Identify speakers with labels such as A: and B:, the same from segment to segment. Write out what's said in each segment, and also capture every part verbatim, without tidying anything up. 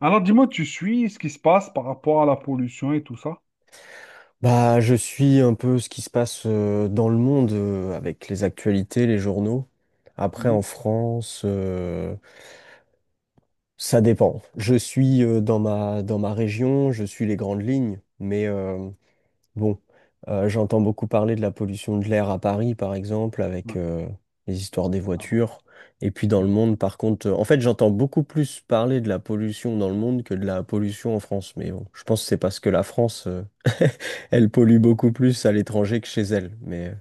A: Alors, dis-moi, tu suis ce qui se passe par rapport à la pollution et tout ça?
B: Bah, je suis un peu ce qui se passe euh, dans le monde euh, avec les actualités, les journaux. Après,
A: Mhm.
B: en France, euh, ça dépend. Je suis euh, dans ma, dans ma région, je suis les grandes lignes, mais euh, Bon, euh, j'entends beaucoup parler de la pollution de l'air à Paris, par exemple, avec
A: Ouais.
B: euh, les histoires des
A: Alors,
B: voitures. Et puis dans le monde, par contre, euh, en fait, j'entends beaucoup plus parler de la pollution dans le monde que de la pollution en France. Mais bon, je pense que c'est parce que la France, euh, elle pollue beaucoup plus à l'étranger que chez elle. Mais euh,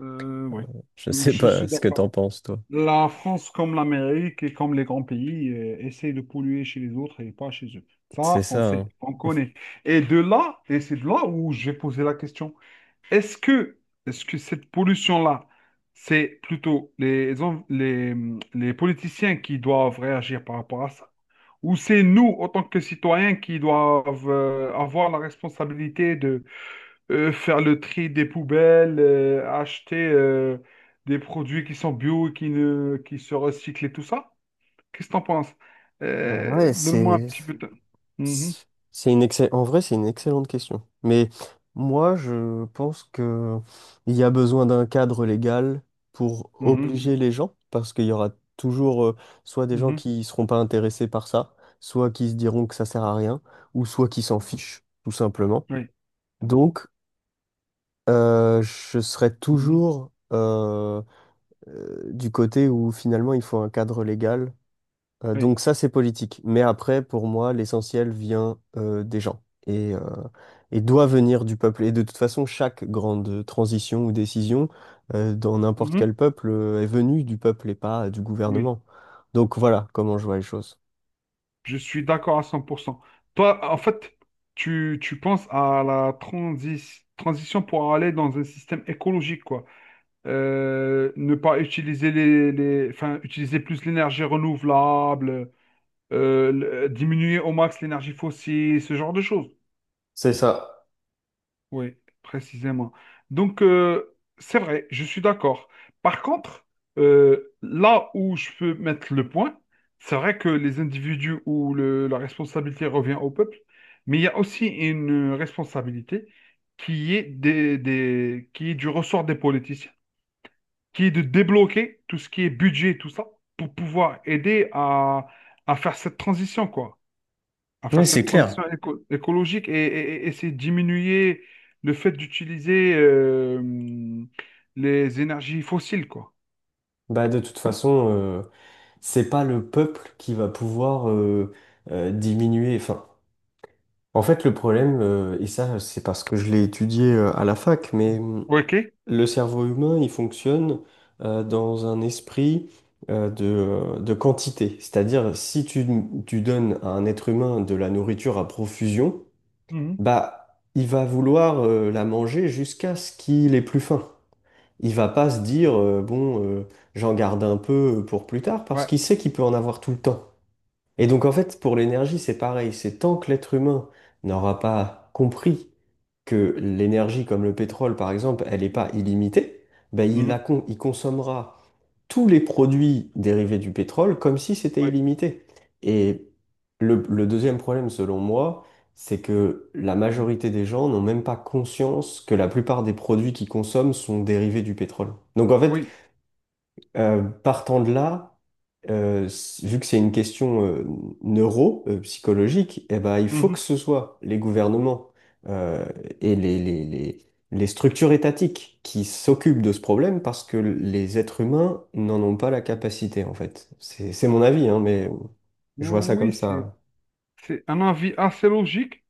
A: euh, oui,
B: je sais
A: je
B: pas
A: suis
B: ce que t'en
A: d'accord.
B: penses, toi.
A: La France, comme l'Amérique et comme les grands pays, euh, essaie de polluer chez les autres et pas chez eux.
B: C'est
A: Ça, on
B: ça,
A: sait,
B: hein.
A: on connaît. Et de là, et c'est de là où j'ai posé la question, est-ce que, est-ce que cette pollution-là, c'est plutôt les, en- les, les politiciens qui doivent réagir par rapport à ça? Ou c'est nous, en tant que citoyens, qui doivent euh, avoir la responsabilité de euh, faire le tri des poubelles, euh, acheter euh, des produits qui sont bio et qui ne, qui se recyclent et tout ça? Qu'est-ce que t'en penses?
B: Ah
A: Euh,
B: ouais,
A: donne-moi un
B: c'est.
A: petit peu de... Mhm,
B: C'est c'est une excell- en vrai, c'est une excellente question. Mais moi, je pense que il y a besoin d'un cadre légal pour
A: mhm,
B: obliger les gens, parce qu'il y aura toujours euh, soit des gens
A: mhm,
B: qui seront pas intéressés par ça, soit qui se diront que ça sert à rien, ou soit qui s'en fichent, tout simplement.
A: oui,
B: Donc, euh, je serai
A: mhm,
B: toujours euh, euh, du côté où finalement il faut un cadre légal euh,
A: oui,
B: donc ça, c'est politique. Mais après, pour moi, l'essentiel vient euh, des gens et, euh, et doit venir du peuple. Et de toute façon, chaque grande transition ou décision euh, dans n'importe quel
A: mhm,
B: peuple euh, est venue du peuple et pas euh, du
A: oui.
B: gouvernement. Donc voilà comment je vois les choses.
A: Je suis d'accord à cent pour cent. Toi, en fait, tu, tu penses à la transi- transition pour aller dans un système écologique, quoi. euh, ne pas utiliser les, les- enfin, utiliser plus l'énergie renouvelable, euh, le- diminuer au max l'énergie fossile, ce genre de choses.
B: C'est ça.
A: Oui, précisément. Donc, euh, c'est vrai, je suis d'accord. Par contre, euh, là où je peux mettre le point, c'est vrai que les individus où le- la responsabilité revient au peuple, mais il y a aussi une responsabilité qui est des, des- qui est du ressort des politiciens qui est de débloquer tout ce qui est budget, tout ça, pour pouvoir aider à, à faire cette transition, quoi. À
B: Oui,
A: faire
B: c'est
A: cette
B: clair.
A: transition éco- écologique et, et- et essayer de diminuer le fait d'utiliser euh, les énergies fossiles, quoi.
B: Bah, de toute façon, euh, c'est pas le peuple qui va pouvoir euh, euh, diminuer. Enfin, en fait, le problème, euh, et ça, c'est parce que je l'ai étudié euh, à la fac, mais hum,
A: OK?
B: le cerveau humain, il fonctionne euh, dans un esprit euh, de, euh, de quantité. C'est-à-dire, si tu, tu donnes à un être humain de la nourriture à profusion,
A: Mhm.
B: bah, il va vouloir euh, la manger jusqu'à ce qu'il ait plus faim. Il va pas se dire, euh, bon, euh, j'en garde un peu pour plus tard, parce
A: Ouais.
B: qu'il sait qu'il peut en avoir tout le temps. Et donc en fait, pour l'énergie, c'est pareil. C'est tant que l'être humain n'aura pas compris que l'énergie, comme le pétrole par exemple, elle n'est pas illimitée, ben, il, la
A: Mhm.
B: con- il consommera tous les produits dérivés du pétrole comme si c'était
A: Ouais.
B: illimité. Et le, le deuxième problème, selon moi, c'est que la majorité des gens n'ont même pas conscience que la plupart des produits qu'ils consomment sont dérivés du pétrole. Donc en fait,
A: Oui.
B: euh, partant de là, euh, s- vu que c'est une question euh, neuro, euh, psychologique, eh ben, il faut que
A: Mhm.
B: ce soit les gouvernements euh, et les, les, les, les structures étatiques qui s'occupent de ce problème parce que les êtres humains n'en ont pas la capacité, en fait. C'est, c'est mon avis, hein, mais je vois ça comme
A: Oui, c'est
B: ça.
A: C'est un avis assez logique,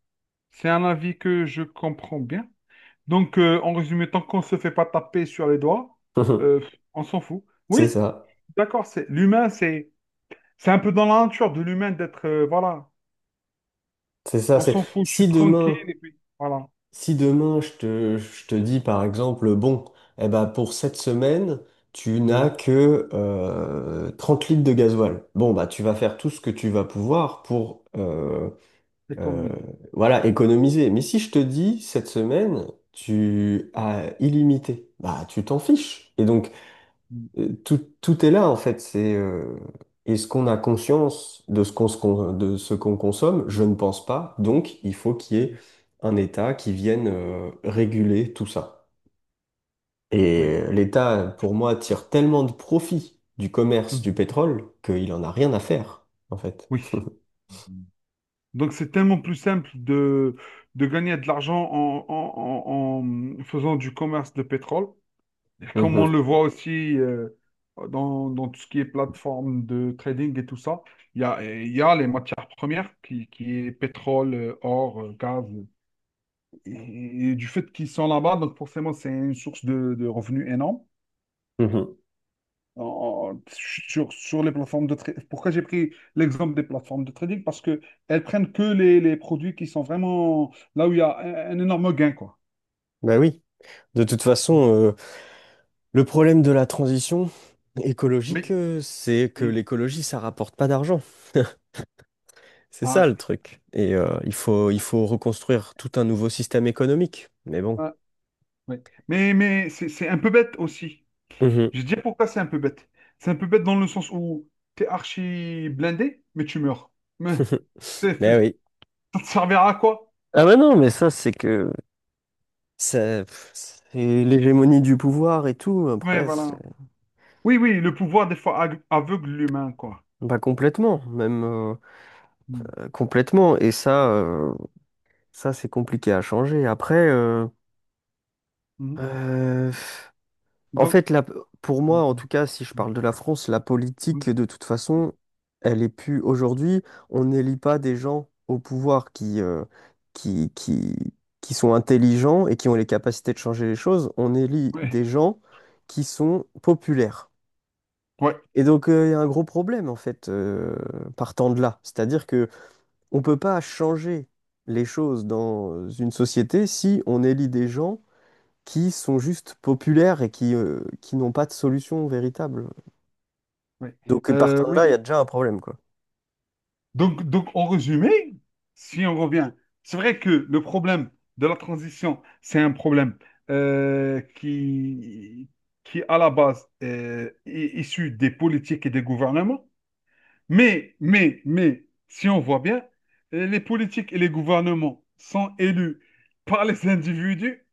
A: c'est un avis que je comprends bien. Donc, euh, en résumé, tant qu'on ne se fait pas taper sur les doigts, euh, on s'en fout.
B: C'est
A: Oui,
B: ça.
A: d'accord, c'est l'humain, c'est c'est un peu dans la nature de l'humain d'être, euh, voilà,
B: C'est ça.
A: on
B: C'est
A: s'en fout, je
B: si
A: suis tranquille,
B: demain.
A: et puis, voilà.
B: Si demain je te, je te dis par exemple, bon, eh ben pour cette semaine, tu n'as
A: Mhm.
B: que euh, trente litres de gasoil. Bon, bah tu vas faire tout ce que tu vas pouvoir pour euh,
A: C'est comme
B: euh,
A: le musée.
B: voilà, économiser. Mais si je te dis cette semaine, tu as illimité, bah tu t'en fiches. Et donc
A: Mhm.
B: euh, tout, tout est là en fait. C'est euh, est-ce qu'on a conscience de ce qu'on se con- de ce qu'on consomme? Je ne pense pas. Donc il faut qu'il y ait un État qui vienne euh, réguler tout ça.
A: Oui.
B: Et l'État, pour moi, tire tellement de profit du commerce du
A: Mhm.
B: pétrole qu'il en a rien à faire en fait.
A: Oui. Mhm. Donc, c'est tellement plus simple de, de gagner de l'argent en, en en- en faisant du commerce de pétrole. Comme on
B: Mhm,
A: le voit aussi euh, dans, dans tout ce qui est plateforme de trading et tout ça, il y a, il y a les matières premières qui, qui est pétrole, euh, or, euh, gaz. Et, et du fait qu'ils sont là-bas, donc forcément, c'est une source de, de revenus énorme.
B: mhm.
A: En- sur, sur les plateformes de trading. Pourquoi j'ai pris l'exemple des plateformes de trading? Parce que elles prennent que les, les produits qui sont vraiment là où il y a un, un énorme gain, quoi.
B: Ben oui. De toute façon, euh, le problème de la transition écologique,
A: Oui.
B: euh, c'est que
A: Mm.
B: l'écologie, ça rapporte pas d'argent. C'est
A: Ah
B: ça
A: ouais.
B: le truc. Et euh, il faut, il faut reconstruire tout un nouveau système économique. Mais bon.
A: Ah, oui. Mais, mais c'est c'est un peu bête aussi.
B: Mhm.
A: Je te dis pourquoi c'est un peu bête. C'est un peu bête dans le sens où t'es archi blindé, mais tu meurs. Mais t'es- t'es-
B: Mais oui.
A: ça te servira à quoi?
B: Ah bah non, mais ça, c'est que ça, pff, c'est l'hégémonie du pouvoir et tout.
A: Ouais,
B: Après, c'est-
A: voilà. Oui, oui, le pouvoir des fois ag- aveugle l'humain, quoi.
B: pas complètement, même euh,
A: Mm.
B: euh, complètement. Et ça, euh, ça, c'est compliqué à changer. Après, euh,
A: Mhm.
B: euh, En
A: Donc,
B: fait, la- pour
A: mm,
B: moi, en
A: mm,
B: tout cas, si je parle de la France, la
A: mm, mm,
B: politique, de toute façon, elle est plus aujourd'hui. On n'élit pas des gens au pouvoir qui, euh, qui, qui, qui sont intelligents et qui ont les capacités de changer les choses. On élit
A: ouais,
B: des gens qui sont populaires.
A: ouais,
B: Et donc, euh, il y a un gros problème, en fait, euh, partant de là. C'est-à-dire que on peut pas changer les choses dans une société si on élit des gens qui sont juste populaires et qui, euh, qui n'ont pas de solution véritable.
A: ouais.
B: Donc, euh,
A: Euh,
B: partant de là, il y a
A: oui.
B: déjà un problème, quoi.
A: Donc, donc, en résumé, si on revient, c'est vrai que le problème de la transition, c'est un problème euh, qui, qui, à la base, euh, est issu des politiques et des gouvernements. Mais, mais, mais, si on voit bien, les politiques et les gouvernements sont élus par les individus.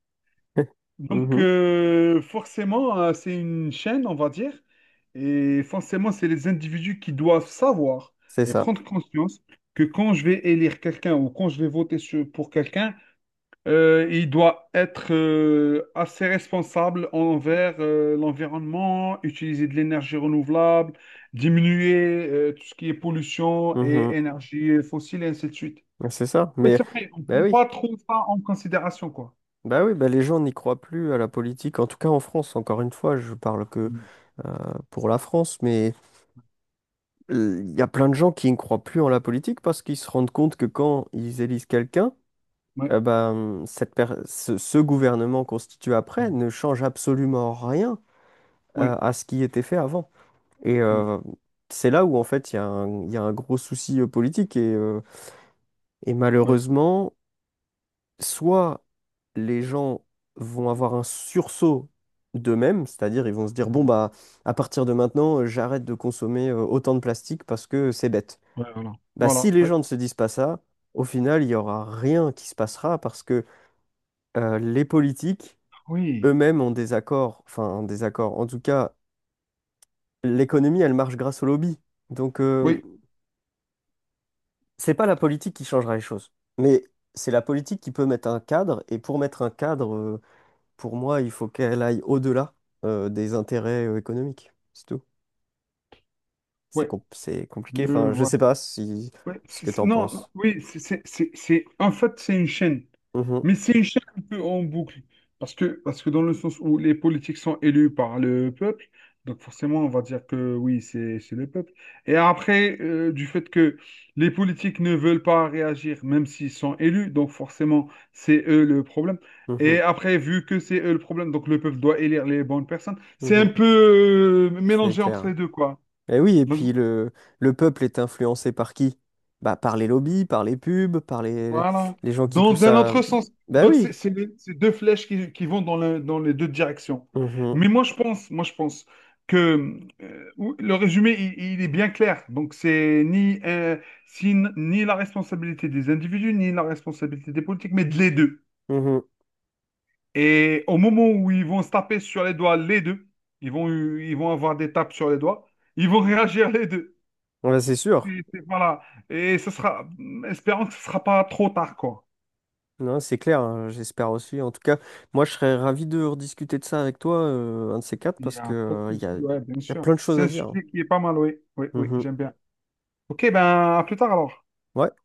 A: Donc,
B: Mhm.
A: euh, forcément, euh, c'est une chaîne, on va dire. Et forcément, c'est les individus qui doivent savoir
B: C'est
A: et
B: ça.
A: prendre conscience que quand je vais élire quelqu'un ou quand je vais voter sur- pour quelqu'un, euh, il doit être euh, assez responsable envers euh, l'environnement, utiliser de l'énergie renouvelable, diminuer euh, tout ce qui est pollution
B: Mhm.
A: et énergie fossile, et ainsi de suite.
B: C'est ça.
A: Oui,
B: Mais,
A: c'est vrai, on ne
B: bah
A: prend
B: oui,
A: pas trop ça en considération, quoi.
B: bah oui, bah les gens n'y croient plus à la politique, en tout cas en France, encore une fois, je parle que
A: Mm.
B: euh, pour la France, mais euh, il y a plein de gens qui ne croient plus en la politique parce qu'ils se rendent compte que quand ils élisent quelqu'un,
A: Ouais.
B: euh, bah, hum, cette per- ce, ce gouvernement constitué après
A: Mm.
B: ne change absolument rien euh,
A: Oui,
B: à ce qui était fait avant. Et
A: oui,
B: euh, c'est là où, en fait, il y a un, il y a un gros souci euh, politique. Et, euh, et
A: oui.
B: malheureusement, soit les gens vont avoir un sursaut d'eux-mêmes, c'est-à-dire ils vont se dire, bon,
A: Mhm.
B: bah, à partir de maintenant, euh, j'arrête de consommer euh, autant de plastique parce que c'est bête.
A: Ouais, voilà.
B: Bah, si
A: Voilà,
B: les
A: ouais.
B: gens ne se disent pas ça, au final, il n'y aura rien qui se passera parce que euh, les politiques
A: Oui,
B: eux-mêmes ont des accords, enfin, des accords. En tout cas, l'économie, elle marche grâce au lobby. Donc, euh,
A: oui,
B: c'est pas la politique qui changera les choses, mais c'est la politique qui peut mettre un cadre. Et pour mettre un cadre, euh, pour moi, il faut qu'elle aille au-delà euh, des intérêts euh, économiques. C'est tout. C'est
A: oui,
B: com- c'est
A: je
B: compliqué. Enfin, je
A: vois
B: sais
A: ça.
B: pas si
A: Ouais,
B: ce
A: c'est-
B: que
A: c'est-
B: t'en
A: non, non,
B: penses.
A: oui, c'est, c'est, c'est, c'est- en fait, c'est une chaîne.
B: Mhm,
A: Mais c'est une chaîne un peu en boucle. Parce que, parce que dans le sens où les politiques sont élus par le peuple, donc forcément on va dire que oui, c'est c'est le peuple. Et après, euh, du fait que les politiques ne veulent pas réagir, même s'ils sont élus, donc forcément c'est eux le problème. Et
B: mhm,
A: après, vu que c'est eux le problème, donc le peuple doit élire les bonnes personnes, c'est un
B: mhm.
A: peu euh,
B: C'est
A: mélangé entre
B: clair.
A: les deux, quoi.
B: Et oui, et
A: Donc
B: puis le, le peuple est influencé par qui? Bah, par les lobbies, par les pubs, par les,
A: voilà.
B: les gens qui
A: Dans
B: poussent
A: un
B: à...
A: autre sens.
B: Bah
A: Donc,
B: oui.
A: c'est c'est les- c'est deux flèches qui, qui vont dans, le- dans les deux directions.
B: Mhm,
A: Mais moi, je pense, moi, je pense que euh, ou- le résumé, il, il est bien clair. Donc, c'est ni, euh, si- ni la responsabilité des individus, ni la responsabilité des politiques, mais de les deux.
B: mhm.
A: Et au moment où ils vont se taper sur les doigts, les deux, ils vont, ils vont avoir des tapes sur les doigts, ils vont réagir les deux.
B: Ouais, c'est sûr.
A: Et, et voilà. Et ce sera, espérons que ce ne sera pas trop tard, quoi.
B: Non, c'est clair, hein, j'espère aussi. En tout cas, moi, je serais ravi de rediscuter de ça avec toi, euh, un de ces quatre,
A: Il n'y
B: parce que,
A: a pas de
B: euh, il y
A: souci,
B: a, il
A: ouais, bien
B: y a
A: sûr.
B: plein de choses
A: C'est
B: à
A: un
B: dire.
A: sujet qui est pas mal, oui. Oui, oui,
B: Mhm.
A: j'aime bien. Ok, ben à plus tard alors.
B: Ouais,